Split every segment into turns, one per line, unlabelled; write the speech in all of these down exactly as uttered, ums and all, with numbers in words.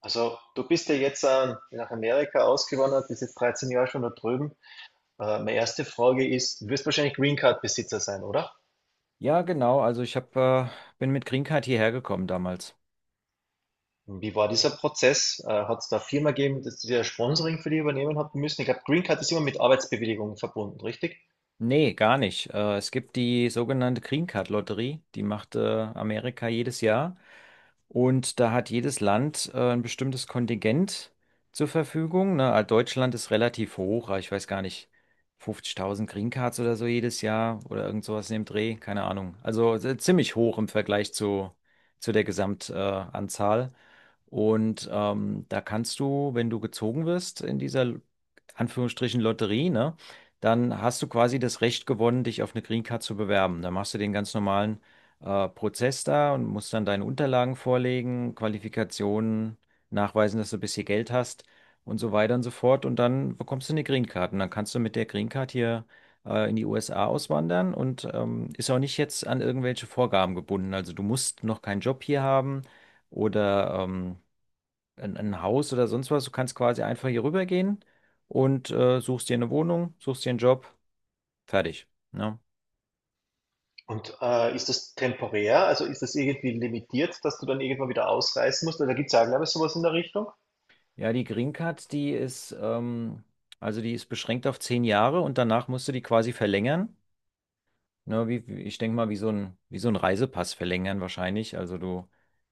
Also, du bist ja jetzt äh, nach Amerika ausgewandert, bist jetzt dreizehn Jahre schon da drüben. Äh, meine erste Frage ist, du wirst wahrscheinlich Green Card Besitzer sein, oder?
Ja, genau. Also ich hab, äh, bin mit Green Card hierher gekommen damals.
Wie war dieser Prozess? Äh, hat es da eine Firma gegeben, dass die das Sponsoring für dich übernehmen hat müssen? Ich glaube, Green Card ist immer mit Arbeitsbewilligung verbunden, richtig?
Nee, gar nicht. Äh, es gibt die sogenannte Green Card Lotterie, die macht äh, Amerika jedes Jahr. Und da hat jedes Land äh, ein bestimmtes Kontingent zur Verfügung. Ne? Äh, Deutschland ist relativ hoch, äh, ich weiß gar nicht, fünfzigtausend Green Cards oder so jedes Jahr oder irgend sowas in dem Dreh, keine Ahnung. Also äh, ziemlich hoch im Vergleich zu, zu der Gesamtanzahl. Äh, Anzahl. Und ähm, da kannst du, wenn du gezogen wirst in dieser Anführungsstrichen Lotterie, ne, dann hast du quasi das Recht gewonnen, dich auf eine Green Card zu bewerben. Dann machst du den ganz normalen äh, Prozess da und musst dann deine Unterlagen vorlegen, Qualifikationen nachweisen, dass du ein bisschen Geld hast und so weiter und so fort. Und dann bekommst du eine Green Card. Und dann kannst du mit der Green Card hier äh, in die U S A auswandern und ähm, ist auch nicht jetzt an irgendwelche Vorgaben gebunden. Also du musst noch keinen Job hier haben oder. Ähm, ein, ein Haus oder sonst was. Du kannst quasi einfach hier rübergehen und äh, suchst dir eine Wohnung, suchst dir einen Job, fertig. Ne?
Und äh, ist das temporär? Also ist das irgendwie limitiert, dass du dann irgendwann wieder ausreisen musst? Oder da gibt es ja, glaube ich, sowas in der Richtung?
Ja, die Green Card, die ist, ähm, also die ist beschränkt auf zehn Jahre und danach musst du die quasi verlängern. Ne, wie, wie- ich denke mal, wie so ein, wie so ein Reisepass verlängern wahrscheinlich. Also du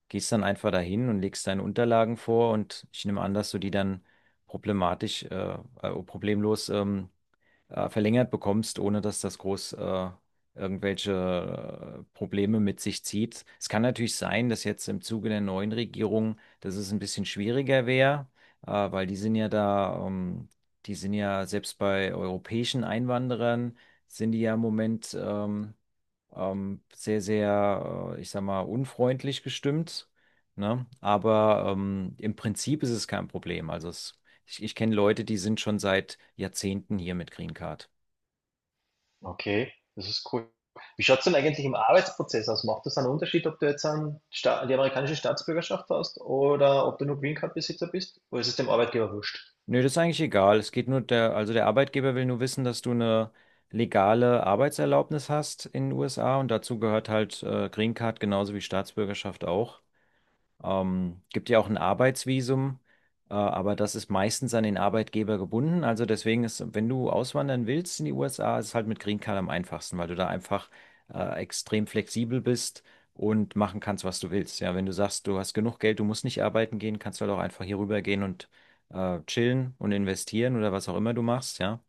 gehst dann einfach dahin und legst deine Unterlagen vor und ich nehme an, dass du die dann problematisch, äh, äh, problemlos ähm, äh, verlängert bekommst, ohne dass das groß äh, irgendwelche äh, Probleme mit sich zieht. Es kann natürlich sein, dass jetzt im Zuge der neuen Regierung, dass es ein bisschen schwieriger wäre, äh, weil die sind ja da, ähm, die sind ja selbst bei europäischen Einwanderern, sind die ja im Moment ähm, ähm, sehr, sehr, äh, ich sag mal, unfreundlich gestimmt. Ne? Aber ähm, im Prinzip ist es kein Problem. Also es, ich, ich kenne Leute, die sind schon seit Jahrzehnten hier mit Green Card.
Okay, das ist cool. Wie schaut es denn eigentlich im Arbeitsprozess aus? Macht das einen Unterschied, ob du jetzt einen Sta die amerikanische Staatsbürgerschaft hast oder ob du nur Green Card Besitzer bist? Oder ist es dem Arbeitgeber wurscht?
Nö, das ist eigentlich egal. Es geht nur der, also der Arbeitgeber will nur wissen, dass du eine legale Arbeitserlaubnis hast in den U S A und dazu gehört halt äh, Green Card genauso wie Staatsbürgerschaft auch. Ähm, gibt ja auch ein Arbeitsvisum, äh, aber das ist meistens an den Arbeitgeber gebunden. Also deswegen ist, wenn du auswandern willst in die U S A, ist es halt mit Green Card am einfachsten, weil du da einfach äh, extrem flexibel bist und machen kannst, was du willst. Ja, wenn du sagst, du hast genug Geld, du musst nicht arbeiten gehen, kannst du halt auch einfach hier rüber gehen und äh, chillen und investieren oder was auch immer du machst, ja.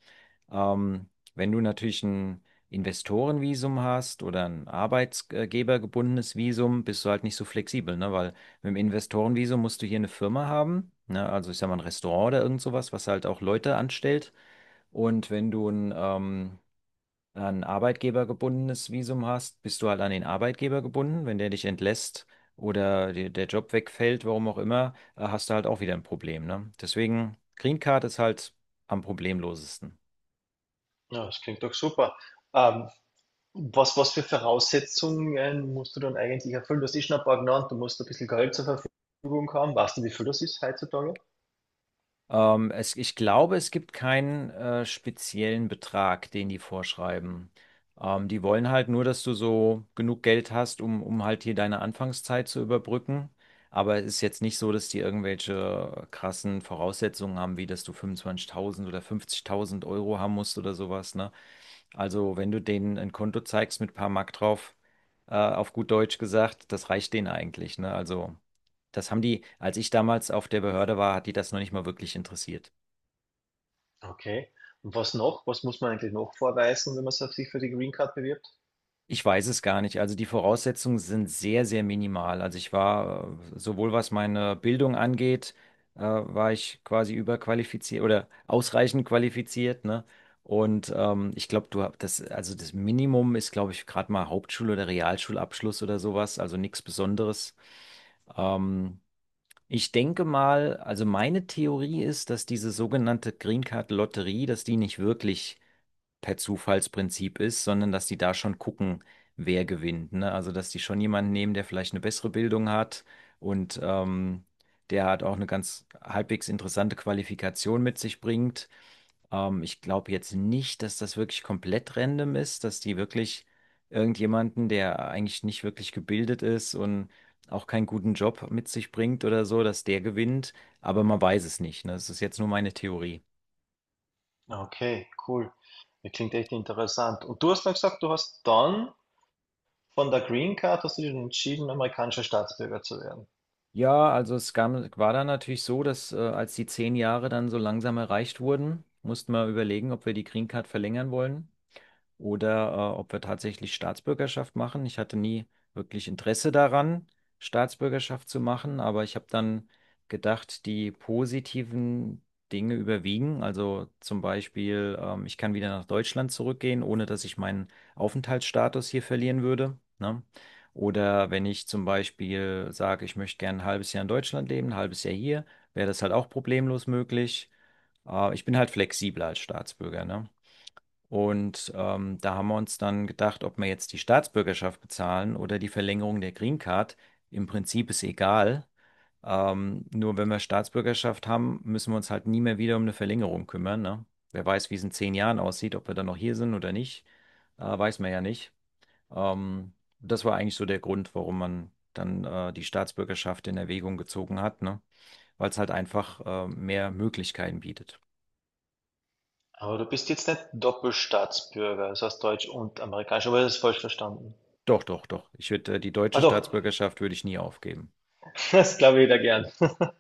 Ähm, wenn du natürlich ein Investorenvisum hast oder ein arbeitsgebergebundenes Visum, bist du halt nicht so flexibel, ne? Weil mit dem Investorenvisum musst du hier eine Firma haben, ne? Also ich sag mal ein Restaurant oder irgend sowas, was halt auch Leute anstellt. Und wenn du ein, ähm, ein arbeitgebergebundenes Visum hast, bist du halt an den Arbeitgeber gebunden. Wenn der dich entlässt oder dir der Job wegfällt, warum auch immer, äh, hast du halt auch wieder ein Problem, ne? Deswegen, Green Card ist halt am problemlosesten.
Ja, das klingt doch super. Ähm, was, was für Voraussetzungen äh, musst du dann eigentlich erfüllen? Du hast eh schon ein paar genannt, du musst ein bisschen Geld zur Verfügung haben. Weißt du, wie viel das ist heutzutage?
Ähm, es, ich glaube, es gibt keinen äh, speziellen Betrag, den die vorschreiben. Ähm, die wollen halt nur, dass du so genug Geld hast, um, um halt hier deine Anfangszeit zu überbrücken. Aber es ist jetzt nicht so, dass die irgendwelche krassen Voraussetzungen haben, wie dass du fünfundzwanzigtausend oder fünfzigtausend Euro haben musst oder sowas, ne? Also, wenn du denen ein Konto zeigst mit paar Mark drauf, äh, auf gut Deutsch gesagt, das reicht denen eigentlich, ne? Also, das haben die, als ich damals auf der Behörde war, hat die das noch nicht mal wirklich interessiert.
Okay. Und was noch? Was muss man eigentlich noch vorweisen, wenn man so sich für die Green Card bewirbt?
Ich weiß es gar nicht. Also, die Voraussetzungen sind sehr, sehr minimal. Also, ich war, äh, sowohl was meine Bildung angeht, äh, war ich quasi überqualifiziert oder ausreichend qualifiziert, ne? Und ähm, ich glaube, du hast das, also das Minimum ist, glaube ich, gerade mal Hauptschul- oder Realschulabschluss oder sowas, also nichts Besonderes. Ähm, ich denke mal, also meine Theorie ist, dass diese sogenannte Green Card Lotterie, dass die nicht wirklich per Zufallsprinzip ist, sondern dass die da schon gucken, wer gewinnt. Ne? Also, dass die schon jemanden nehmen, der vielleicht eine bessere Bildung hat und ähm, der hat auch eine ganz halbwegs interessante Qualifikation mit sich bringt. Ähm, ich glaube jetzt nicht, dass das wirklich komplett random ist, dass die wirklich irgendjemanden, der eigentlich nicht wirklich gebildet ist und auch keinen guten Job mit sich bringt oder so, dass der gewinnt. Aber man weiß es nicht. Ne? Das ist jetzt nur meine Theorie.
Okay, cool. Das klingt echt interessant. Und du hast dann gesagt, du hast dann von der Green Card hast du dich entschieden, amerikanischer Staatsbürger zu werden.
Ja, also es gab, war dann natürlich so, dass äh, als die zehn Jahre dann so langsam erreicht wurden, mussten wir überlegen, ob wir die Green Card verlängern wollen oder äh, ob wir tatsächlich Staatsbürgerschaft machen. Ich hatte nie wirklich Interesse daran, Staatsbürgerschaft zu machen, aber ich habe dann gedacht, die positiven Dinge überwiegen. Also zum Beispiel, ähm, ich kann wieder nach Deutschland zurückgehen, ohne dass ich meinen Aufenthaltsstatus hier verlieren würde, ne? Oder wenn ich zum Beispiel sage, ich möchte gerne ein halbes Jahr in Deutschland leben, ein halbes Jahr hier, wäre das halt auch problemlos möglich. Äh, ich bin halt flexibler als Staatsbürger, ne? Und ähm, da haben wir uns dann gedacht, ob wir jetzt die Staatsbürgerschaft bezahlen oder die Verlängerung der Green Card. Im Prinzip ist egal. Ähm, nur wenn wir Staatsbürgerschaft haben, müssen wir uns halt nie mehr wieder um eine Verlängerung kümmern, ne? Wer weiß, wie es in zehn Jahren aussieht, ob wir dann noch hier sind oder nicht, äh, weiß man ja nicht. Ähm, das war eigentlich so der Grund, warum man dann äh, die Staatsbürgerschaft in Erwägung gezogen hat, ne? Weil es halt einfach äh, mehr Möglichkeiten bietet.
Aber du bist jetzt nicht Doppelstaatsbürger, das heißt deutsch und amerikanisch, aber das ist falsch verstanden.
Doch, doch, doch. Ich würde äh, die deutsche
Ah doch,
Staatsbürgerschaft würde ich nie aufgeben.
das glaube ich wieder gern.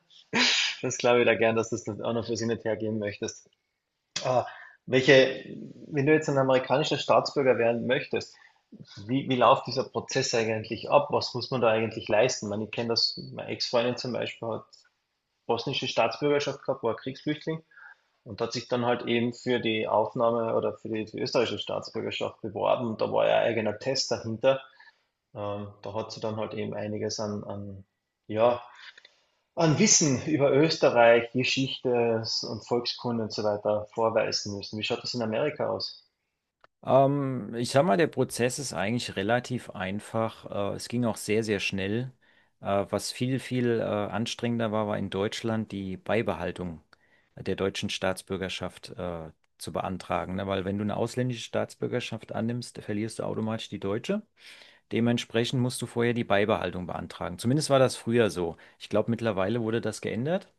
Das glaube ich wieder gern, dass du das auch noch für sie nicht hergeben möchtest. Ah, welche, wenn du jetzt ein amerikanischer Staatsbürger werden möchtest, wie, wie läuft dieser Prozess eigentlich ab? Was muss man da eigentlich leisten? Ich, meine, ich kenne das, meine Ex-Freundin zum Beispiel hat bosnische Staatsbürgerschaft gehabt, war Kriegsflüchtling. Und hat sich dann halt eben für die Aufnahme oder für die, für die österreichische Staatsbürgerschaft beworben. Und da war ja ein eigener Test dahinter. Ähm, da hat sie dann halt eben einiges an, an, ja, an Wissen über Österreich, Geschichte und Volkskunde und so weiter vorweisen müssen. Wie schaut das in Amerika aus?
Ähm, ich sag mal, der Prozess ist eigentlich relativ einfach. Äh, es ging auch sehr, sehr schnell. Äh, was viel, viel äh, anstrengender war, war in Deutschland die Beibehaltung der deutschen Staatsbürgerschaft äh, zu beantragen. Ne? Weil wenn du eine ausländische Staatsbürgerschaft annimmst, verlierst du automatisch die deutsche. Dementsprechend musst du vorher die Beibehaltung beantragen. Zumindest war das früher so. Ich glaube, mittlerweile wurde das geändert.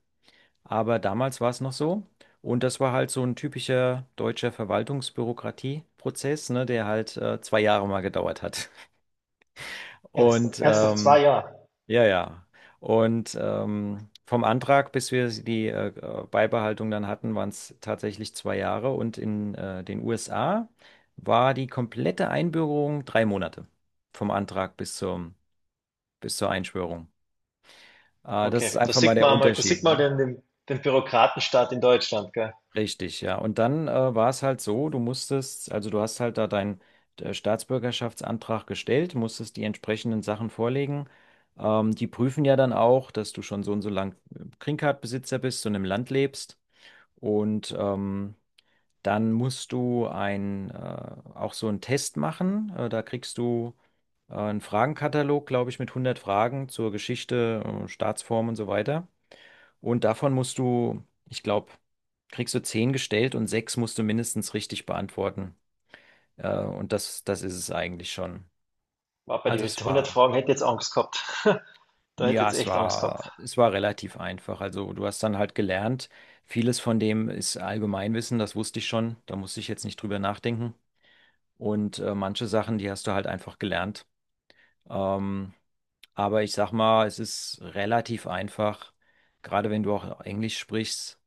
Aber damals war es noch so. Und das war halt so ein typischer deutscher Verwaltungsbürokratieprozess, ne, der halt äh, zwei Jahre mal gedauert hat.
Ernst,
Und
ernsthaft, zwei
ähm,
Jahre?
ja, ja. Und ähm, vom Antrag, bis wir die äh, äh, Beibehaltung dann hatten, waren es tatsächlich zwei Jahre. Und in äh, den U S A war die komplette Einbürgerung drei Monate vom Antrag bis zum, bis zur Einschwörung. Äh, das ist
Okay, da
einfach mal
sieht
der
man mal, da
Unterschied,
sieht man
ne?
den, den, den Bürokratenstaat in Deutschland, gell?
Richtig, ja. Und dann äh, war es halt so, du musstest, also du hast halt da deinen äh, Staatsbürgerschaftsantrag gestellt, musstest die entsprechenden Sachen vorlegen. Ähm, die prüfen ja dann auch, dass du schon so und so lang Green Card-Besitzer bist und im Land lebst. Und ähm, dann musst du ein, äh, auch so einen Test machen. Äh, da kriegst du äh, einen Fragenkatalog, glaube ich, mit hundert Fragen zur Geschichte, äh, Staatsform und so weiter. Und davon musst du, ich glaube, kriegst du zehn gestellt und sechs musst du mindestens richtig beantworten. Äh, und das, das ist es eigentlich schon.
War bei
Also
den
es
hundert
war,
Fragen hätte ich jetzt Angst gehabt. Da hätte
ja,
ich jetzt
es
echt Angst gehabt.
war, es war relativ einfach. Also du hast dann halt gelernt, vieles von dem ist Allgemeinwissen, das wusste ich schon, da musste ich jetzt nicht drüber nachdenken. Und äh, manche Sachen, die hast du halt einfach gelernt. Ähm, Aber ich sag mal, es ist relativ einfach, gerade wenn du auch Englisch sprichst.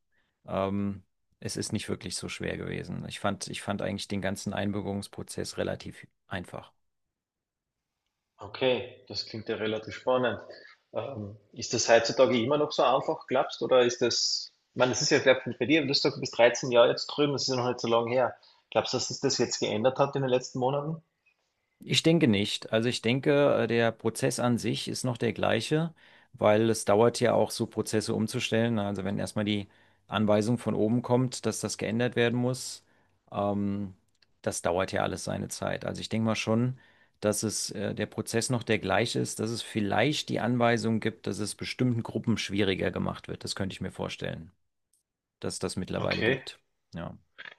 Ähm, es ist nicht wirklich so schwer gewesen. Ich fand, ich fand eigentlich den ganzen Einbürgerungsprozess relativ einfach.
Okay, das klingt ja relativ spannend. Ähm, ist das heutzutage immer noch so einfach, glaubst du, oder ist das, ich meine, das ist ja vielleicht bei dir, du hast gesagt, du bist dreizehn Jahre jetzt drüben, das ist ja noch nicht so lange her. Glaubst du, dass sich das jetzt geändert hat in den letzten Monaten?
Ich denke nicht. Also ich denke, äh, der Prozess an sich ist noch der gleiche, weil es dauert ja auch so Prozesse umzustellen. Also wenn erstmal die Anweisung von oben kommt, dass das geändert werden muss, ähm, das dauert ja alles seine Zeit. Also ich denke mal schon, dass es, äh, der Prozess noch der gleiche ist, dass es vielleicht die Anweisung gibt, dass es bestimmten Gruppen schwieriger gemacht wird. Das könnte ich mir vorstellen, dass das mittlerweile
Okay.
gibt. Ja.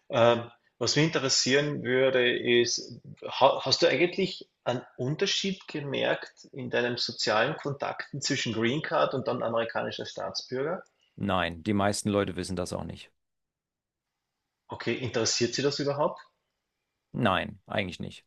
Ähm, was mich interessieren würde, ist, ha hast du eigentlich einen Unterschied gemerkt in deinen sozialen Kontakten zwischen Green Card und dann amerikanischer Staatsbürger?
Nein, die meisten Leute wissen das auch nicht.
Okay, interessiert sie das überhaupt?
Nein, eigentlich nicht.